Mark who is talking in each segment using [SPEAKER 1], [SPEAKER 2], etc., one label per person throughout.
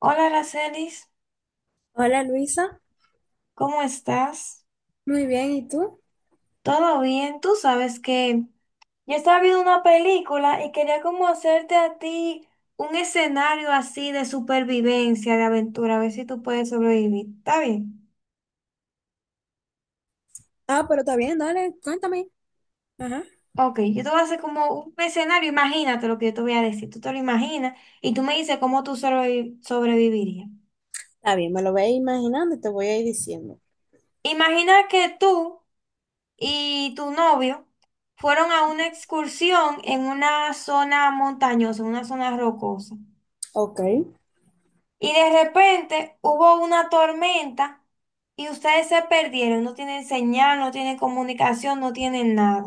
[SPEAKER 1] Hola, Aracelis,
[SPEAKER 2] Hola Luisa,
[SPEAKER 1] ¿cómo estás?
[SPEAKER 2] muy bien, ¿y tú?
[SPEAKER 1] ¿Todo bien? Tú sabes que yo estaba viendo una película y quería como hacerte a ti un escenario así de supervivencia, de aventura, a ver si tú puedes sobrevivir. ¿Está bien?
[SPEAKER 2] Ah, pero está bien, dale, cuéntame. Ajá.
[SPEAKER 1] Ok, yo te voy a hacer como un escenario, imagínate lo que yo te voy a decir, tú te lo imaginas y tú me dices cómo tú sobrevivirías.
[SPEAKER 2] Está bien, me lo voy a ir imaginando y te voy a ir diciendo.
[SPEAKER 1] Imagina que tú y tu novio fueron a una excursión en una zona montañosa, en una zona rocosa.
[SPEAKER 2] Ok.
[SPEAKER 1] Y de repente hubo una tormenta y ustedes se perdieron. No tienen señal, no tienen comunicación, no tienen nada.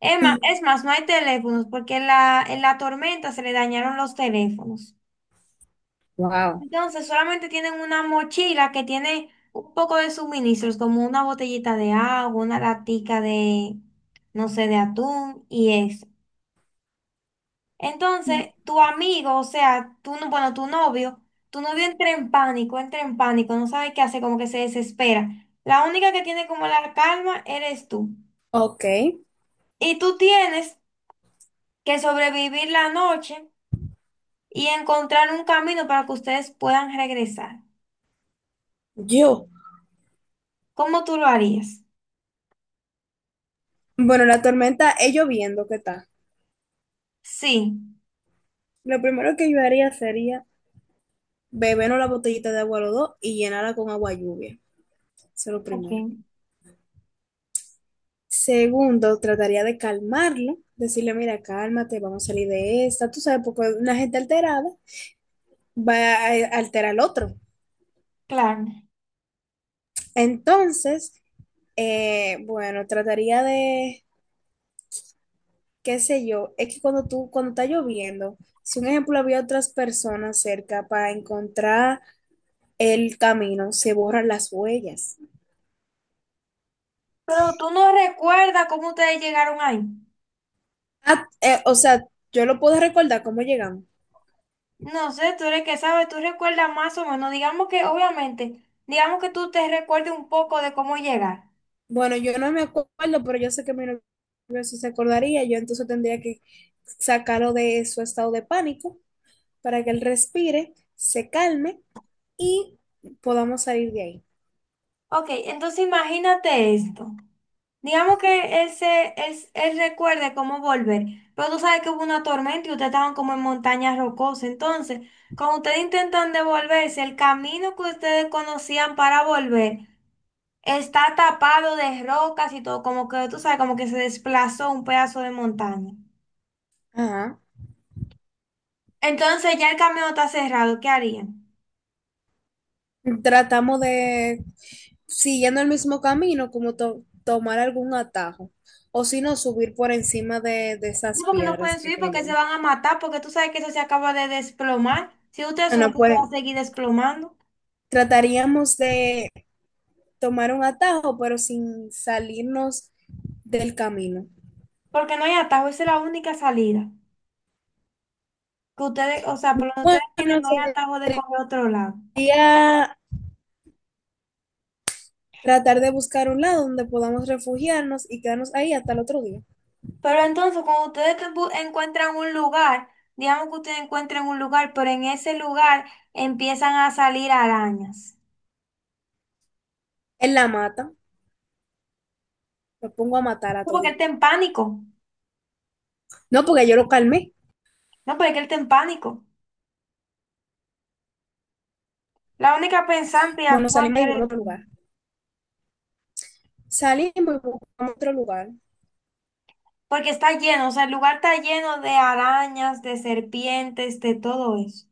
[SPEAKER 1] Es más, es más, no hay teléfonos porque en la tormenta se le dañaron los teléfonos.
[SPEAKER 2] Wow.
[SPEAKER 1] Entonces solamente tienen una mochila que tiene un poco de suministros, como una botellita de agua, una latica de, no sé, de atún y eso. Entonces, tu amigo, o sea, tú, no- bueno, tu novio entra en pánico, no sabe qué hacer, como que se desespera. La única que tiene como la calma eres tú.
[SPEAKER 2] Ok.
[SPEAKER 1] Y tú tienes que sobrevivir la noche y encontrar un camino para que ustedes puedan regresar.
[SPEAKER 2] Yo,
[SPEAKER 1] ¿Cómo tú lo harías?
[SPEAKER 2] bueno, la tormenta es lloviendo, ¿qué tal?
[SPEAKER 1] Sí,
[SPEAKER 2] Lo primero que yo haría sería beber una botellita de agua a los dos y llenarla con agua lluvia. Eso es lo primero.
[SPEAKER 1] ok,
[SPEAKER 2] Segundo, trataría de calmarlo, decirle, mira, cálmate, vamos a salir de esta, tú sabes, porque una gente alterada va a alterar al otro.
[SPEAKER 1] claro.
[SPEAKER 2] Entonces, bueno, trataría de, qué sé yo, es que cuando está lloviendo, si un ejemplo había otras personas cerca para encontrar el camino, se borran las huellas.
[SPEAKER 1] Pero tú no recuerdas cómo ustedes llegaron ahí.
[SPEAKER 2] Ah, o sea, yo lo puedo recordar cómo llegamos.
[SPEAKER 1] No sé, tú eres que sabes, tú recuerdas más o menos. Digamos que, obviamente, digamos que tú te recuerdes un poco de cómo llegar.
[SPEAKER 2] Bueno, yo no me acuerdo, pero yo sé que mi novio sí se acordaría, yo entonces tendría que sacarlo de su estado de pánico para que él respire, se calme y podamos salir de ahí.
[SPEAKER 1] Ok, entonces imagínate esto. Digamos que él se, él recuerde cómo volver, pero tú sabes que hubo una tormenta y ustedes estaban como en montañas rocosas. Entonces, cuando ustedes intentan devolverse, el camino que ustedes conocían para volver está tapado de rocas y todo, como que tú sabes, como que se desplazó un pedazo de montaña.
[SPEAKER 2] Ajá.
[SPEAKER 1] Entonces ya el camino está cerrado, ¿qué harían?
[SPEAKER 2] Tratamos de, siguiendo el mismo camino, como tomar algún atajo, o si no, subir por encima de
[SPEAKER 1] No,
[SPEAKER 2] esas
[SPEAKER 1] porque no pueden
[SPEAKER 2] piedras que
[SPEAKER 1] subir porque se
[SPEAKER 2] cayeron.
[SPEAKER 1] van a matar, porque tú sabes que eso se acaba de desplomar. Si ustedes
[SPEAKER 2] Ah,
[SPEAKER 1] suben,
[SPEAKER 2] no,
[SPEAKER 1] eso
[SPEAKER 2] pues
[SPEAKER 1] va a seguir desplomando.
[SPEAKER 2] trataríamos de tomar un atajo, pero sin salirnos del camino.
[SPEAKER 1] Porque no hay atajo, esa es la única salida. Que ustedes, o sea, por lo que
[SPEAKER 2] Bueno,
[SPEAKER 1] ustedes tienen, no hay atajo de coger otro lado.
[SPEAKER 2] sería tratar de buscar un lado donde podamos refugiarnos y quedarnos ahí hasta el otro día.
[SPEAKER 1] Pero entonces, cuando ustedes encuentran un lugar, digamos que ustedes encuentren un lugar, pero en ese lugar empiezan a salir arañas.
[SPEAKER 2] En la mata, me pongo a matar a
[SPEAKER 1] No, porque él está
[SPEAKER 2] todito.
[SPEAKER 1] en pánico.
[SPEAKER 2] No, porque yo lo calmé.
[SPEAKER 1] No, porque él está en pánico. La única pensante y
[SPEAKER 2] Bueno, salimos
[SPEAKER 1] actuante
[SPEAKER 2] ahí, vamos a
[SPEAKER 1] eres tú.
[SPEAKER 2] otro lugar. Salimos y buscamos otro lugar.
[SPEAKER 1] Porque está lleno, o sea, el lugar está lleno de arañas, de serpientes, de todo eso.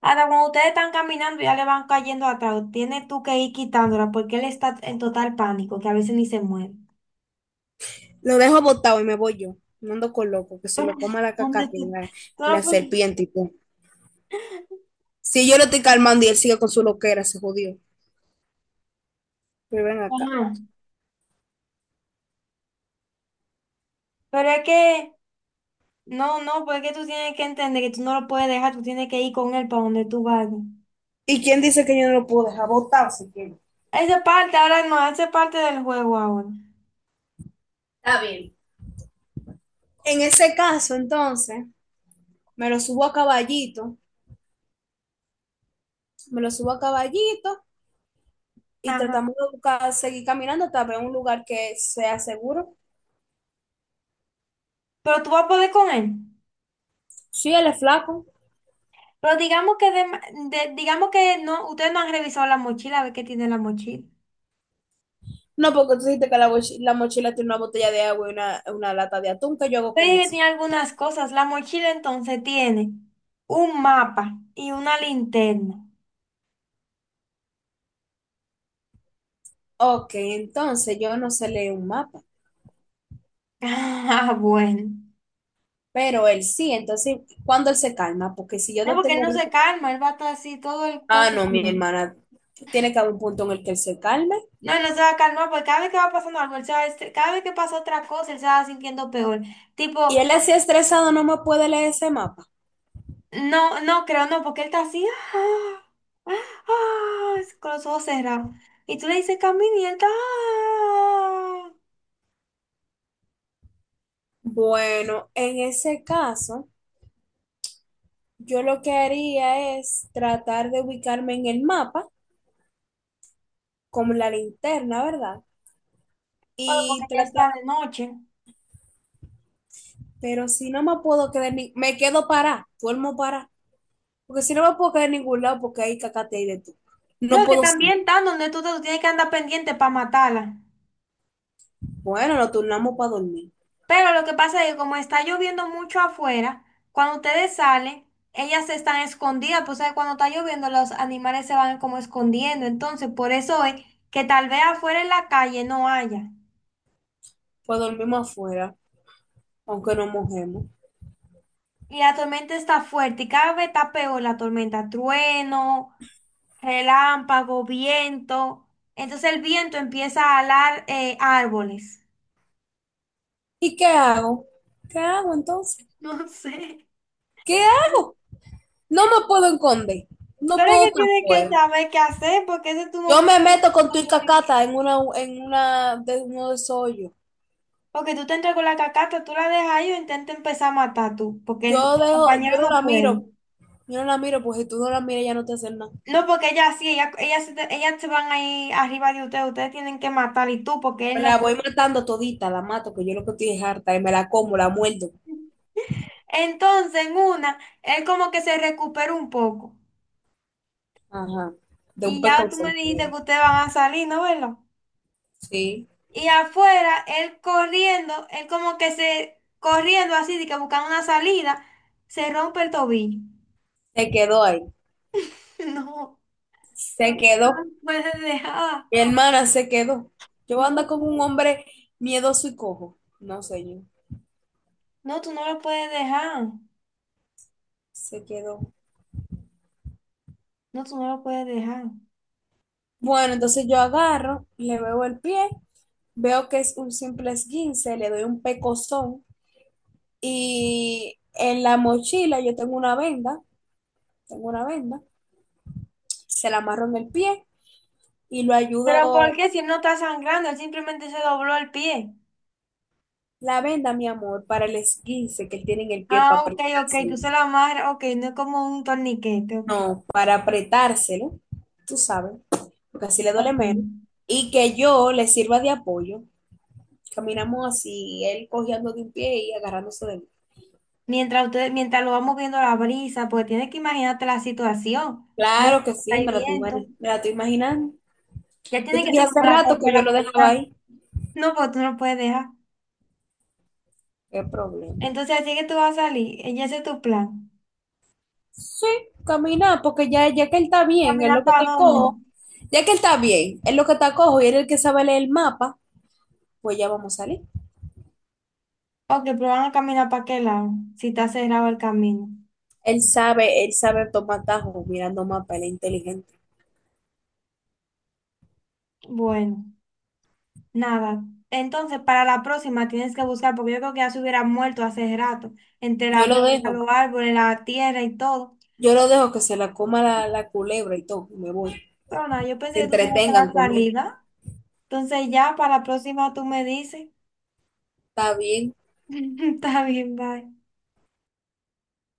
[SPEAKER 1] Ahora, cuando ustedes están caminando, ya le van cayendo atrás. Tienes tú que ir quitándola porque él está en total pánico, que a veces ni se mueve.
[SPEAKER 2] Lo dejo botado y me voy yo. No ando con loco, que se lo coma la
[SPEAKER 1] ¿Dónde
[SPEAKER 2] cacata y
[SPEAKER 1] tú? Tú no
[SPEAKER 2] la
[SPEAKER 1] puedes-
[SPEAKER 2] serpiente y todo. Si yo lo estoy calmando y él sigue con su loquera, se jodió. Pero ven acá.
[SPEAKER 1] Ajá. Pero es que, no, no, porque tú tienes que entender que tú no lo puedes dejar, tú tienes que ir con él para donde tú vayas.
[SPEAKER 2] ¿Y quién dice que yo no lo puedo dejar botado si quiero?
[SPEAKER 1] Esa parte ahora no, esa es parte del juego ahora.
[SPEAKER 2] Está bien. En ese caso, entonces, me lo subo a caballito, me lo subo a caballito y
[SPEAKER 1] Ajá.
[SPEAKER 2] tratamos de buscar, seguir caminando hasta ver un lugar que sea seguro.
[SPEAKER 1] Pero tú vas a poder con él.
[SPEAKER 2] Sí, él es flaco.
[SPEAKER 1] Pero digamos que, de, digamos que no, ustedes no han revisado la mochila, a ver qué tiene la mochila.
[SPEAKER 2] No, porque tú dijiste que la mochila tiene una botella de agua y una lata de atún. ¿Qué yo hago
[SPEAKER 1] Ustedes
[SPEAKER 2] con
[SPEAKER 1] dicen que
[SPEAKER 2] eso?
[SPEAKER 1] tiene algunas cosas. La mochila entonces tiene un mapa y una linterna.
[SPEAKER 2] Ok, entonces yo no sé leer un mapa,
[SPEAKER 1] Ah, bueno.
[SPEAKER 2] pero él sí. Entonces, ¿cuándo él se calma? Porque si yo
[SPEAKER 1] No,
[SPEAKER 2] lo
[SPEAKER 1] porque él
[SPEAKER 2] tengo...
[SPEAKER 1] no se calma, él va a estar así todo el, todo
[SPEAKER 2] Ah,
[SPEAKER 1] el
[SPEAKER 2] no, mi
[SPEAKER 1] tiempo.
[SPEAKER 2] hermana, tiene que haber un punto en el que él se calme.
[SPEAKER 1] No, él no se va a calmar, porque cada vez que va pasando algo, él se va, cada vez que pasa otra cosa, él se va sintiendo peor.
[SPEAKER 2] Y
[SPEAKER 1] Tipo,
[SPEAKER 2] él así estresado no me puede leer ese mapa.
[SPEAKER 1] no, no creo, no, porque él está así, ah, ah, ah, con los ojos cerrados. Y tú le dices camina y él está, ah.
[SPEAKER 2] Bueno, en ese caso, yo lo que haría es tratar de ubicarme en el mapa con la linterna, ¿verdad?
[SPEAKER 1] Bueno, porque
[SPEAKER 2] Y
[SPEAKER 1] ya
[SPEAKER 2] tratar.
[SPEAKER 1] está de noche.
[SPEAKER 2] Pero si no me puedo quedar, ni, me quedo parada, duermo parada. Porque si no me puedo quedar en ningún lado porque hay cacate ahí de tú.
[SPEAKER 1] No,
[SPEAKER 2] No
[SPEAKER 1] que
[SPEAKER 2] puedo salir.
[SPEAKER 1] también están donde tú tienes que andar pendiente para matarla.
[SPEAKER 2] Bueno, nos turnamos para dormir.
[SPEAKER 1] Pero lo que pasa es que como está lloviendo mucho afuera, cuando ustedes salen, ellas están escondidas, pues ¿sabes? Cuando está lloviendo los animales se van como escondiendo. Entonces, por eso es que tal vez afuera en la calle no haya.
[SPEAKER 2] Pues dormimos afuera, aunque no mojemos.
[SPEAKER 1] Y la tormenta está fuerte y cada vez está peor la tormenta. Trueno, relámpago, viento. Entonces el viento empieza a alar árboles.
[SPEAKER 2] ¿Y qué hago? ¿Qué hago entonces?
[SPEAKER 1] No sé.
[SPEAKER 2] ¿Qué hago? No me puedo esconder. No
[SPEAKER 1] Pero es
[SPEAKER 2] puedo
[SPEAKER 1] que
[SPEAKER 2] estar
[SPEAKER 1] tienes que
[SPEAKER 2] afuera.
[SPEAKER 1] saber qué hacer porque ese es tu
[SPEAKER 2] Yo
[SPEAKER 1] momento.
[SPEAKER 2] me meto con tu cacata en de uno de esos hoyos.
[SPEAKER 1] Porque tú te entras con la cacata, tú la dejas ahí o intenta empezar a matar tú. Porque el
[SPEAKER 2] Yo dejo, yo
[SPEAKER 1] compañero
[SPEAKER 2] no
[SPEAKER 1] no
[SPEAKER 2] la
[SPEAKER 1] puede.
[SPEAKER 2] miro. Yo no la miro, pues si tú no la miras, ya no te hacen nada.
[SPEAKER 1] No, porque ella sí, ella se, te- ellas se van ahí arriba de ustedes. Ustedes tienen que matar y tú porque él
[SPEAKER 2] Me
[SPEAKER 1] no
[SPEAKER 2] la voy
[SPEAKER 1] puede.
[SPEAKER 2] matando todita, la mato, que yo lo que estoy es harta, y me la como, la muerdo.
[SPEAKER 1] Entonces, en una, él como que se recuperó un poco.
[SPEAKER 2] Ajá. De un
[SPEAKER 1] Y ya tú me
[SPEAKER 2] pecozón,
[SPEAKER 1] dijiste
[SPEAKER 2] ¿verdad?
[SPEAKER 1] que ustedes van a salir, ¿no, verdad?
[SPEAKER 2] Sí.
[SPEAKER 1] Y afuera, él corriendo, él como que se, corriendo así, de que buscando una salida, se rompe el tobillo.
[SPEAKER 2] Se quedó ahí.
[SPEAKER 1] No, no
[SPEAKER 2] Se
[SPEAKER 1] lo
[SPEAKER 2] quedó.
[SPEAKER 1] puedes dejar.
[SPEAKER 2] Mi hermana se quedó. Yo ando
[SPEAKER 1] No,
[SPEAKER 2] con un hombre miedoso y cojo. No sé yo.
[SPEAKER 1] no, tú no lo puedes dejar.
[SPEAKER 2] Se quedó.
[SPEAKER 1] No, tú no lo puedes dejar.
[SPEAKER 2] Bueno, entonces yo agarro, le veo el pie, veo que es un simple esguince, le doy un pecozón y en la mochila yo tengo una venda, se la amarro en el pie y lo
[SPEAKER 1] Pero ¿por
[SPEAKER 2] ayudo.
[SPEAKER 1] qué si él no está sangrando? Él simplemente se dobló el pie.
[SPEAKER 2] La venda, mi amor, para el esguince que él tiene en el pie para
[SPEAKER 1] Ah, ok, ok, tú
[SPEAKER 2] apretárselo.
[SPEAKER 1] se lo amarras, ok, no es como un torniquete, ok.
[SPEAKER 2] No, para apretárselo, tú sabes, porque así le duele
[SPEAKER 1] Ok.
[SPEAKER 2] menos. Y que yo le sirva de apoyo. Caminamos así, él cojeando de un pie y agarrándose de mí.
[SPEAKER 1] Mientras ustedes, mientras lo va moviendo la brisa, porque tienes que imaginarte la situación.
[SPEAKER 2] Claro que sí,
[SPEAKER 1] Hay
[SPEAKER 2] me la estoy,
[SPEAKER 1] viento.
[SPEAKER 2] me la estoy imaginando.
[SPEAKER 1] Ya
[SPEAKER 2] Yo
[SPEAKER 1] tiene
[SPEAKER 2] te
[SPEAKER 1] que
[SPEAKER 2] dije
[SPEAKER 1] ser
[SPEAKER 2] hace
[SPEAKER 1] como la cosa
[SPEAKER 2] rato
[SPEAKER 1] de
[SPEAKER 2] que yo
[SPEAKER 1] la
[SPEAKER 2] lo dejaba
[SPEAKER 1] ventana.
[SPEAKER 2] ahí.
[SPEAKER 1] No, porque tú no lo puedes dejar.
[SPEAKER 2] ¿Qué problema?
[SPEAKER 1] Entonces, así que tú vas a salir. Y ese es tu plan.
[SPEAKER 2] Sí, caminar, porque ya, ya que él está bien, es
[SPEAKER 1] ¿Caminar
[SPEAKER 2] lo que
[SPEAKER 1] para
[SPEAKER 2] está
[SPEAKER 1] dónde?
[SPEAKER 2] cojo. Ya que él está bien, es lo que está cojo y él es el que sabe leer el mapa, pues ya vamos a salir.
[SPEAKER 1] Ok, pero van a caminar para qué lado, si está cerrado el camino.
[SPEAKER 2] Él sabe tomar tajos mirando mapa, él es inteligente.
[SPEAKER 1] Bueno, nada. Entonces, para la próxima tienes que buscar, porque yo creo que ya se hubiera muerto hace rato, entre la
[SPEAKER 2] Yo lo
[SPEAKER 1] brisa,
[SPEAKER 2] dejo,
[SPEAKER 1] los árboles, la tierra y todo.
[SPEAKER 2] yo lo dejo que se la coma la culebra y todo, y me voy.
[SPEAKER 1] Pero nada, yo
[SPEAKER 2] Se
[SPEAKER 1] pensé que tú tienes
[SPEAKER 2] entretengan
[SPEAKER 1] otra
[SPEAKER 2] con él.
[SPEAKER 1] salida. Entonces ya para la próxima tú me dices.
[SPEAKER 2] Está bien.
[SPEAKER 1] Está bien, bye.